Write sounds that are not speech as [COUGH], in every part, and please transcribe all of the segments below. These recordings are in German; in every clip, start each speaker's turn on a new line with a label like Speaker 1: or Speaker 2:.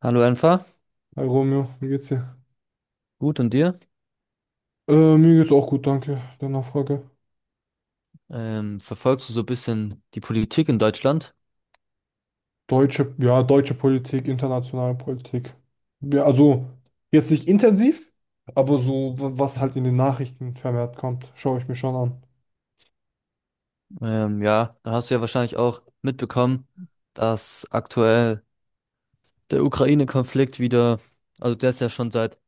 Speaker 1: Hallo Enfa.
Speaker 2: Hi Romeo, wie geht's dir?
Speaker 1: Gut und dir?
Speaker 2: Mir geht's auch gut, danke. Der Nachfrage.
Speaker 1: Verfolgst du so ein bisschen die Politik in Deutschland?
Speaker 2: Deutsche, ja, deutsche Politik, internationale Politik. Ja, also jetzt nicht intensiv, aber so, was halt in den Nachrichten vermehrt kommt, schaue ich mir schon an.
Speaker 1: Ja, dann hast du ja wahrscheinlich auch mitbekommen, dass aktuell der Ukraine-Konflikt wieder, also der ist ja schon seit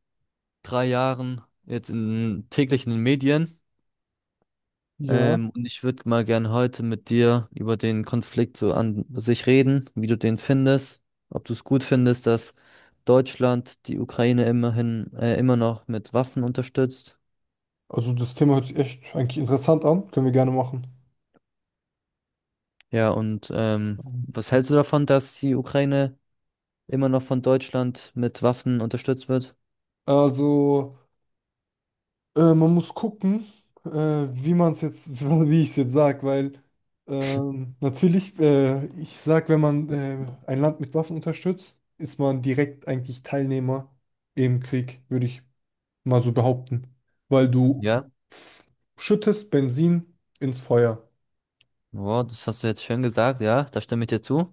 Speaker 1: 3 Jahren jetzt in, täglich in den Medien.
Speaker 2: Ja.
Speaker 1: Und ich würde mal gerne heute mit dir über den Konflikt so an sich reden, wie du den findest, ob du es gut findest, dass Deutschland die Ukraine immerhin immer noch mit Waffen unterstützt.
Speaker 2: Also das Thema hört sich echt eigentlich interessant an, können wir gerne machen.
Speaker 1: Ja, und
Speaker 2: Mhm.
Speaker 1: was hältst du davon, dass die Ukraine immer noch von Deutschland mit Waffen unterstützt wird?
Speaker 2: Also Man muss gucken, wie man es jetzt, [LAUGHS] wie ich es jetzt sage, weil natürlich, ich sage, wenn man ein Land mit Waffen unterstützt, ist man direkt eigentlich Teilnehmer im Krieg, würde ich mal so behaupten, weil du
Speaker 1: Ja,
Speaker 2: f- schüttest Benzin ins Feuer.
Speaker 1: wow, das hast du jetzt schön gesagt, ja, da stimme ich dir zu.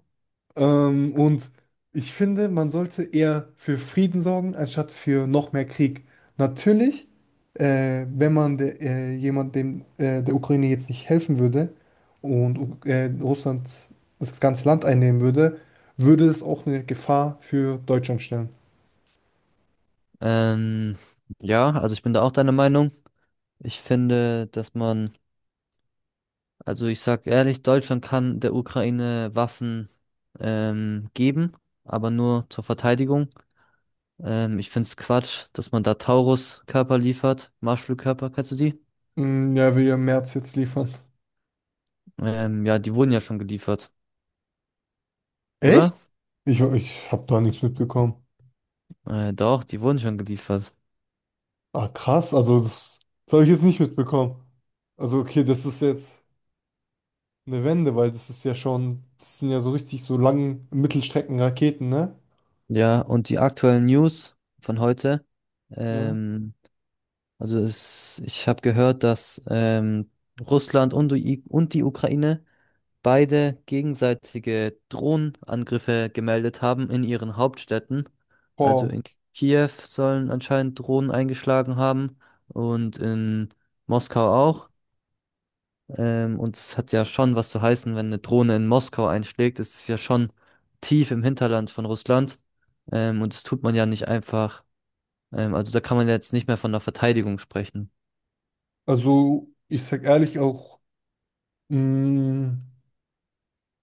Speaker 2: Und ich finde, man sollte eher für Frieden sorgen, anstatt für noch mehr Krieg. Natürlich, wenn man jemand der Ukraine jetzt nicht helfen würde und Russland das ganze Land einnehmen würde, würde es auch eine Gefahr für Deutschland stellen.
Speaker 1: Ähm, ja, also ich bin da auch deiner Meinung. Ich finde, dass man, also ich sag ehrlich, Deutschland kann der Ukraine Waffen geben, aber nur zur Verteidigung. Ich find's Quatsch, dass man da Taurus-Körper liefert, Marschflugkörper, kennst du die?
Speaker 2: Mm, ja, will ja Merz jetzt liefern.
Speaker 1: Ja, die wurden ja schon geliefert, oder?
Speaker 2: Echt? Ich habe da nichts mitbekommen.
Speaker 1: Doch, die wurden schon geliefert.
Speaker 2: Ah, krass, das habe ich jetzt nicht mitbekommen. Also okay, das ist jetzt. Eine Wende, weil das ist ja schon, das sind ja so richtig so langen Mittelstreckenraketen, ne?
Speaker 1: Ja, und die aktuellen News von heute.
Speaker 2: Ja.
Speaker 1: Ähm, also es, ich habe gehört, dass Russland und die Ukraine beide gegenseitige Drohnenangriffe gemeldet haben in ihren Hauptstädten. Also
Speaker 2: Boah.
Speaker 1: in Kiew sollen anscheinend Drohnen eingeschlagen haben und in Moskau auch. Und es hat ja schon was zu heißen, wenn eine Drohne in Moskau einschlägt. Es ist ja schon tief im Hinterland von Russland. Und das tut man ja nicht einfach. Also da kann man ja jetzt nicht mehr von der Verteidigung sprechen.
Speaker 2: Also, ich sag ehrlich auch, mh,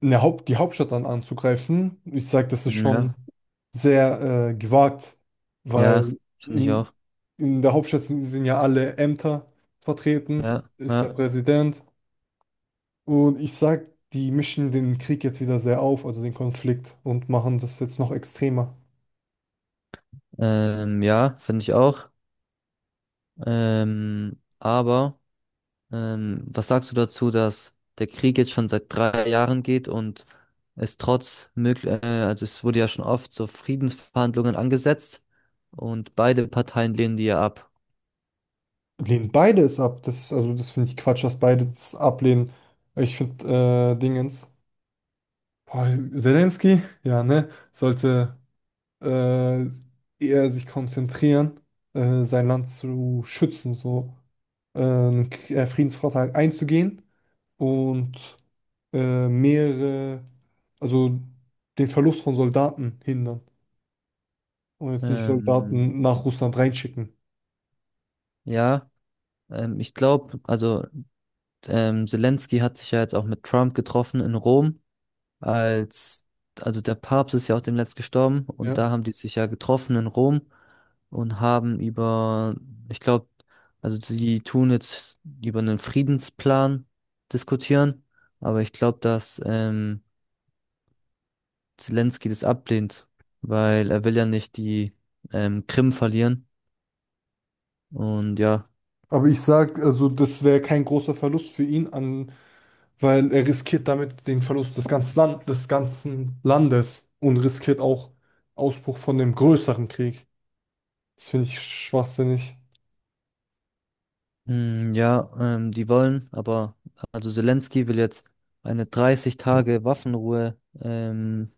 Speaker 2: eine die Hauptstadt dann anzugreifen, ich sag, das ist
Speaker 1: Ja.
Speaker 2: schon sehr gewagt,
Speaker 1: Ja,
Speaker 2: weil
Speaker 1: finde ich
Speaker 2: in,
Speaker 1: auch.
Speaker 2: in der Hauptstadt sind ja alle Ämter vertreten,
Speaker 1: Ja,
Speaker 2: ist der
Speaker 1: ja.
Speaker 2: Präsident. Und ich sag, die mischen den Krieg jetzt wieder sehr auf, also den Konflikt, und machen das jetzt noch extremer.
Speaker 1: Ja, finde ich auch. Ähm, aber. Was sagst du dazu, dass der Krieg jetzt schon seit 3 Jahren geht und also es wurde ja schon oft so Friedensverhandlungen angesetzt und beide Parteien lehnen die ja ab.
Speaker 2: Lehnen beide es ab. Also das finde ich Quatsch, dass beide das ablehnen. Ich finde Dingens. Boah, Zelensky, ja, ne, sollte äh, eher sich konzentrieren, sein Land zu schützen, so Friedensvertrag einzugehen und mehrere, also den Verlust von Soldaten hindern und jetzt nicht
Speaker 1: Ähm,
Speaker 2: Soldaten nach Russland reinschicken.
Speaker 1: ja, ich glaube, also Zelensky hat sich ja jetzt auch mit Trump getroffen in Rom als, also der Papst ist ja auch demnächst gestorben und
Speaker 2: Ja.
Speaker 1: da haben die sich ja getroffen in Rom und haben über, ich glaube, also sie tun jetzt über einen Friedensplan diskutieren, aber ich glaube, dass Zelensky das ablehnt, weil er will ja nicht die Krim verlieren und ja,
Speaker 2: Aber ich sag, also das wäre kein großer Verlust für ihn an. Weil er riskiert damit den Verlust des ganzen Landes und riskiert auch Ausbruch von dem größeren Krieg. Das finde ich schwachsinnig.
Speaker 1: ja, die wollen, aber also Zelensky will jetzt eine 30 Tage Waffenruhe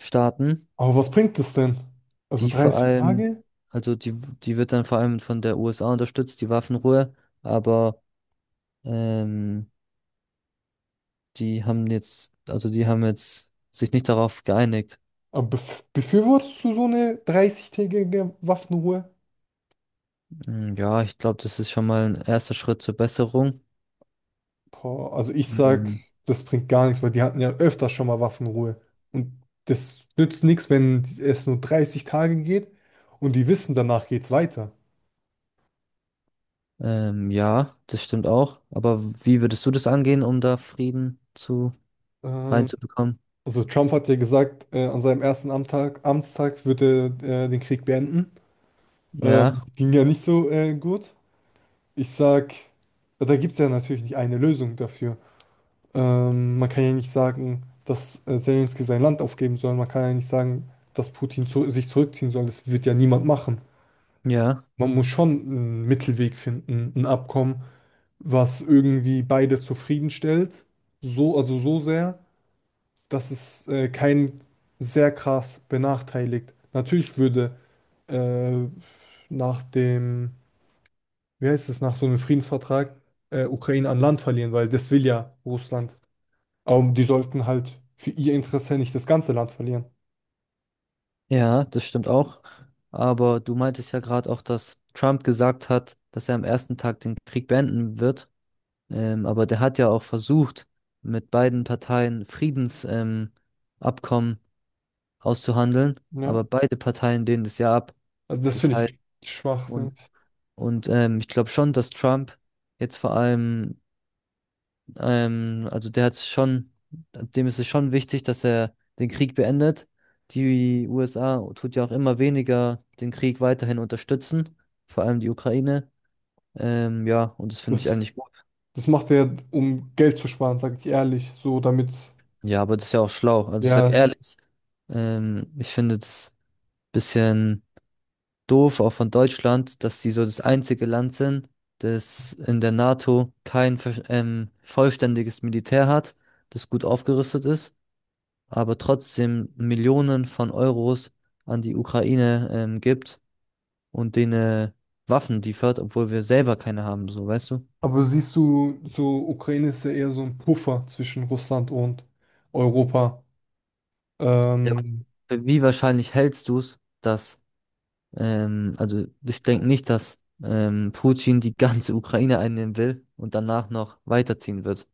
Speaker 1: starten.
Speaker 2: Aber was bringt es denn? Also
Speaker 1: Die vor
Speaker 2: 30
Speaker 1: allem,
Speaker 2: Tage?
Speaker 1: also die wird dann vor allem von der USA unterstützt, die Waffenruhe, aber ähm, die haben jetzt sich nicht darauf geeinigt.
Speaker 2: Aber befürwortest du so eine 30-tägige Waffenruhe?
Speaker 1: Mm, ja, ich glaube, das ist schon mal ein erster Schritt zur Besserung.
Speaker 2: Boah, also ich sag,
Speaker 1: Ähm,
Speaker 2: das bringt gar nichts, weil die hatten ja öfter schon mal Waffenruhe. Und das nützt nichts, wenn es nur 30 Tage geht und die wissen, danach geht's weiter.
Speaker 1: ja, das stimmt auch. Aber wie würdest du das angehen, um da Frieden zu
Speaker 2: Ähm,
Speaker 1: reinzubekommen?
Speaker 2: Also Trump hat ja gesagt, an seinem ersten Amtstag wird er den Krieg beenden.
Speaker 1: Ja,
Speaker 2: Ging ja nicht so gut. Ich sag, da gibt es ja natürlich nicht eine Lösung dafür. Man kann ja nicht sagen, dass Zelensky sein Land aufgeben soll. Man kann ja nicht sagen, dass Putin zu sich zurückziehen soll. Das wird ja niemand machen.
Speaker 1: ja,
Speaker 2: Man muss schon einen Mittelweg finden, ein Abkommen, was irgendwie beide zufriedenstellt. So, also so sehr. Dass es keinen sehr krass benachteiligt. Natürlich würde äh, nach dem, wie heißt es, nach so einem Friedensvertrag Ukraine an Land verlieren, weil das will ja Russland. Aber die sollten halt für ihr Interesse nicht das ganze Land verlieren.
Speaker 1: ja, das stimmt auch. Aber du meintest ja gerade auch, dass Trump gesagt hat, dass er am ersten Tag den Krieg beenden wird. Aber der hat ja auch versucht, mit beiden Parteien Friedensabkommen Abkommen auszuhandeln,
Speaker 2: Ne?
Speaker 1: aber beide Parteien lehnen das ja ab.
Speaker 2: Also das
Speaker 1: Das
Speaker 2: finde
Speaker 1: heißt,
Speaker 2: ich Schwachsinn.
Speaker 1: und, und Ich glaube schon, dass Trump jetzt vor allem, also der hat schon, dem ist es schon wichtig, dass er den Krieg beendet. Die USA tut ja auch immer weniger den Krieg weiterhin unterstützen, vor allem die Ukraine. Ja, und das finde ich
Speaker 2: Das,
Speaker 1: eigentlich.
Speaker 2: das macht er, um Geld zu sparen, sage ich ehrlich. So damit,
Speaker 1: Ja, aber das ist ja auch schlau. Also ich sag
Speaker 2: ja.
Speaker 1: ehrlich, ich finde das bisschen doof, auch von Deutschland, dass sie so das einzige Land sind, das in der NATO kein vollständiges Militär hat, das gut aufgerüstet ist, aber trotzdem Millionen von Euros an die Ukraine gibt und denen äh, Waffen liefert, obwohl wir selber keine haben, so weißt du?
Speaker 2: Aber siehst du, so Ukraine ist ja eher so ein Puffer zwischen Russland und Europa.
Speaker 1: Ja.
Speaker 2: Ähm,
Speaker 1: Für Wie wahrscheinlich hältst du es, dass. Also ich denke nicht, dass Putin die ganze [LAUGHS] Ukraine einnehmen will und danach noch weiterziehen wird.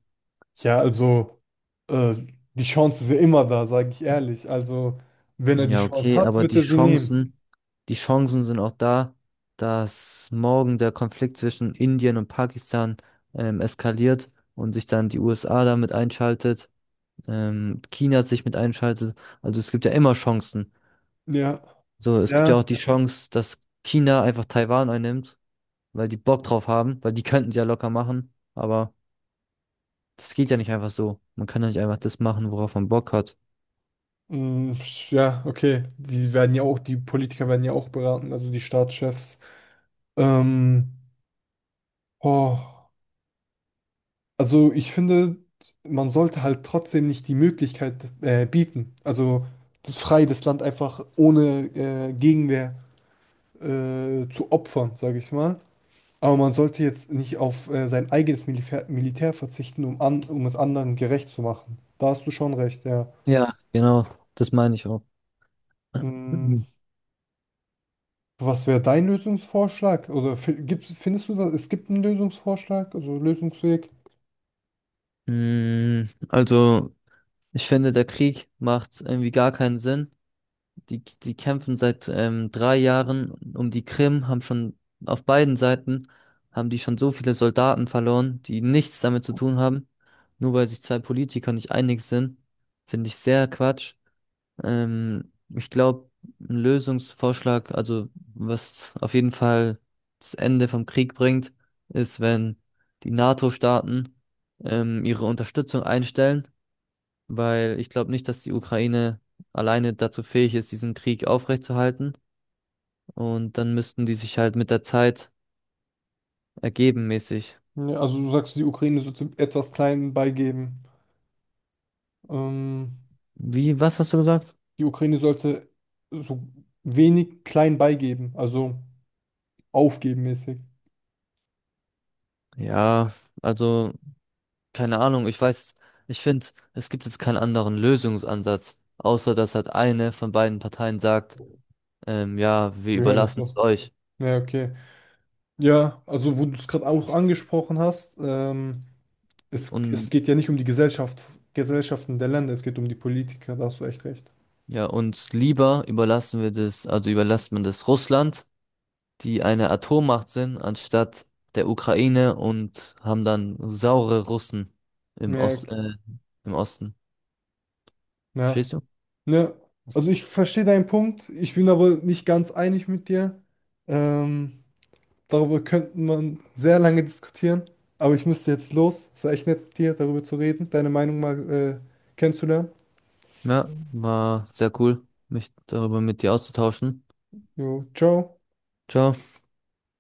Speaker 2: Ja, also äh, die Chance ist ja immer da, sage ich ehrlich. Also wenn er die
Speaker 1: Ja,
Speaker 2: Chance
Speaker 1: okay,
Speaker 2: hat,
Speaker 1: aber
Speaker 2: wird
Speaker 1: die
Speaker 2: er sie nehmen.
Speaker 1: Chancen, die Chancen sind auch da, dass morgen der Konflikt zwischen Indien und Pakistan eskaliert und sich dann die USA damit einschaltet, China sich mit einschaltet. Also es gibt ja immer Chancen.
Speaker 2: Ja,
Speaker 1: So, es gibt ja
Speaker 2: ja,
Speaker 1: auch die Chance, dass China einfach Taiwan einnimmt, weil die Bock drauf haben, weil die könnten sie ja locker machen, Das geht ja nicht einfach so. Man kann ja nicht einfach das machen, worauf man Bock hat.
Speaker 2: mm, ja, okay. Die werden ja auch, die Politiker werden ja auch beraten, also die Staatschefs. Ähm, oh, also ich finde, man sollte halt trotzdem nicht die Möglichkeit bieten, also das frei das Land einfach ohne Gegenwehr zu opfern, sage ich mal. Aber man sollte jetzt nicht auf sein eigenes Militär verzichten, um es anderen gerecht zu machen. Da hast du schon recht, ja.
Speaker 1: Ja, genau, das meine ich auch.
Speaker 2: Mm,
Speaker 1: Mhm.
Speaker 2: was wäre dein Lösungsvorschlag? Oder findest du, dass es gibt einen Lösungsvorschlag, also Lösungsweg?
Speaker 1: Mm, Also, ich finde, der Krieg macht irgendwie gar keinen Sinn. Die kämpfen seit 3 Jahren um die Krim, haben schon auf beiden Seiten, haben die schon so viele Soldaten verloren, die nichts damit zu tun haben. Nur weil sich zwei Politiker nicht einig sind, finde ich sehr Quatsch. Ich glaube, ein Lösungsvorschlag, also was auf jeden Fall das Ende vom Krieg bringt, ist, wenn die NATO-Staaten ihre Unterstützung einstellen, weil ich glaube nicht, dass die Ukraine alleine dazu fähig ist, diesen Krieg aufrechtzuerhalten. Und dann müssten die sich halt mit der Zeit ergeben mäßig.
Speaker 2: Ja, also du sagst, die Ukraine sollte etwas klein beigeben. Ähm,
Speaker 1: Wie, was hast du gesagt?
Speaker 2: die Ukraine sollte so wenig klein beigeben, also aufgeben mäßig.
Speaker 1: Ja, also. Keine Ahnung, ich weiß, ich finde, es gibt jetzt keinen anderen Lösungsansatz, außer dass halt eine von beiden Parteien sagt, ja, wir
Speaker 2: Wir hören ja uns
Speaker 1: überlassen es
Speaker 2: so.
Speaker 1: euch.
Speaker 2: Ja, okay. Ja, also wo du es gerade auch angesprochen hast, es
Speaker 1: Und
Speaker 2: geht ja nicht um die Gesellschaften der Länder, es geht um die Politiker, da hast du echt recht.
Speaker 1: ja, uns lieber überlassen wir das, also überlässt man das Russland, die eine Atommacht sind, anstatt der Ukraine und haben dann saure Russen im
Speaker 2: Ja, ok-
Speaker 1: Osten.
Speaker 2: ja.
Speaker 1: Verstehst du?
Speaker 2: Ne, also ich verstehe deinen Punkt, ich bin aber nicht ganz einig mit dir. Ähm, darüber könnte man sehr lange diskutieren, aber ich müsste jetzt los. Es war echt nett, mit dir darüber zu reden, deine Meinung mal kennenzulernen.
Speaker 1: Ja, war sehr cool, mich darüber mit dir auszutauschen.
Speaker 2: Jo, ciao.
Speaker 1: Ciao.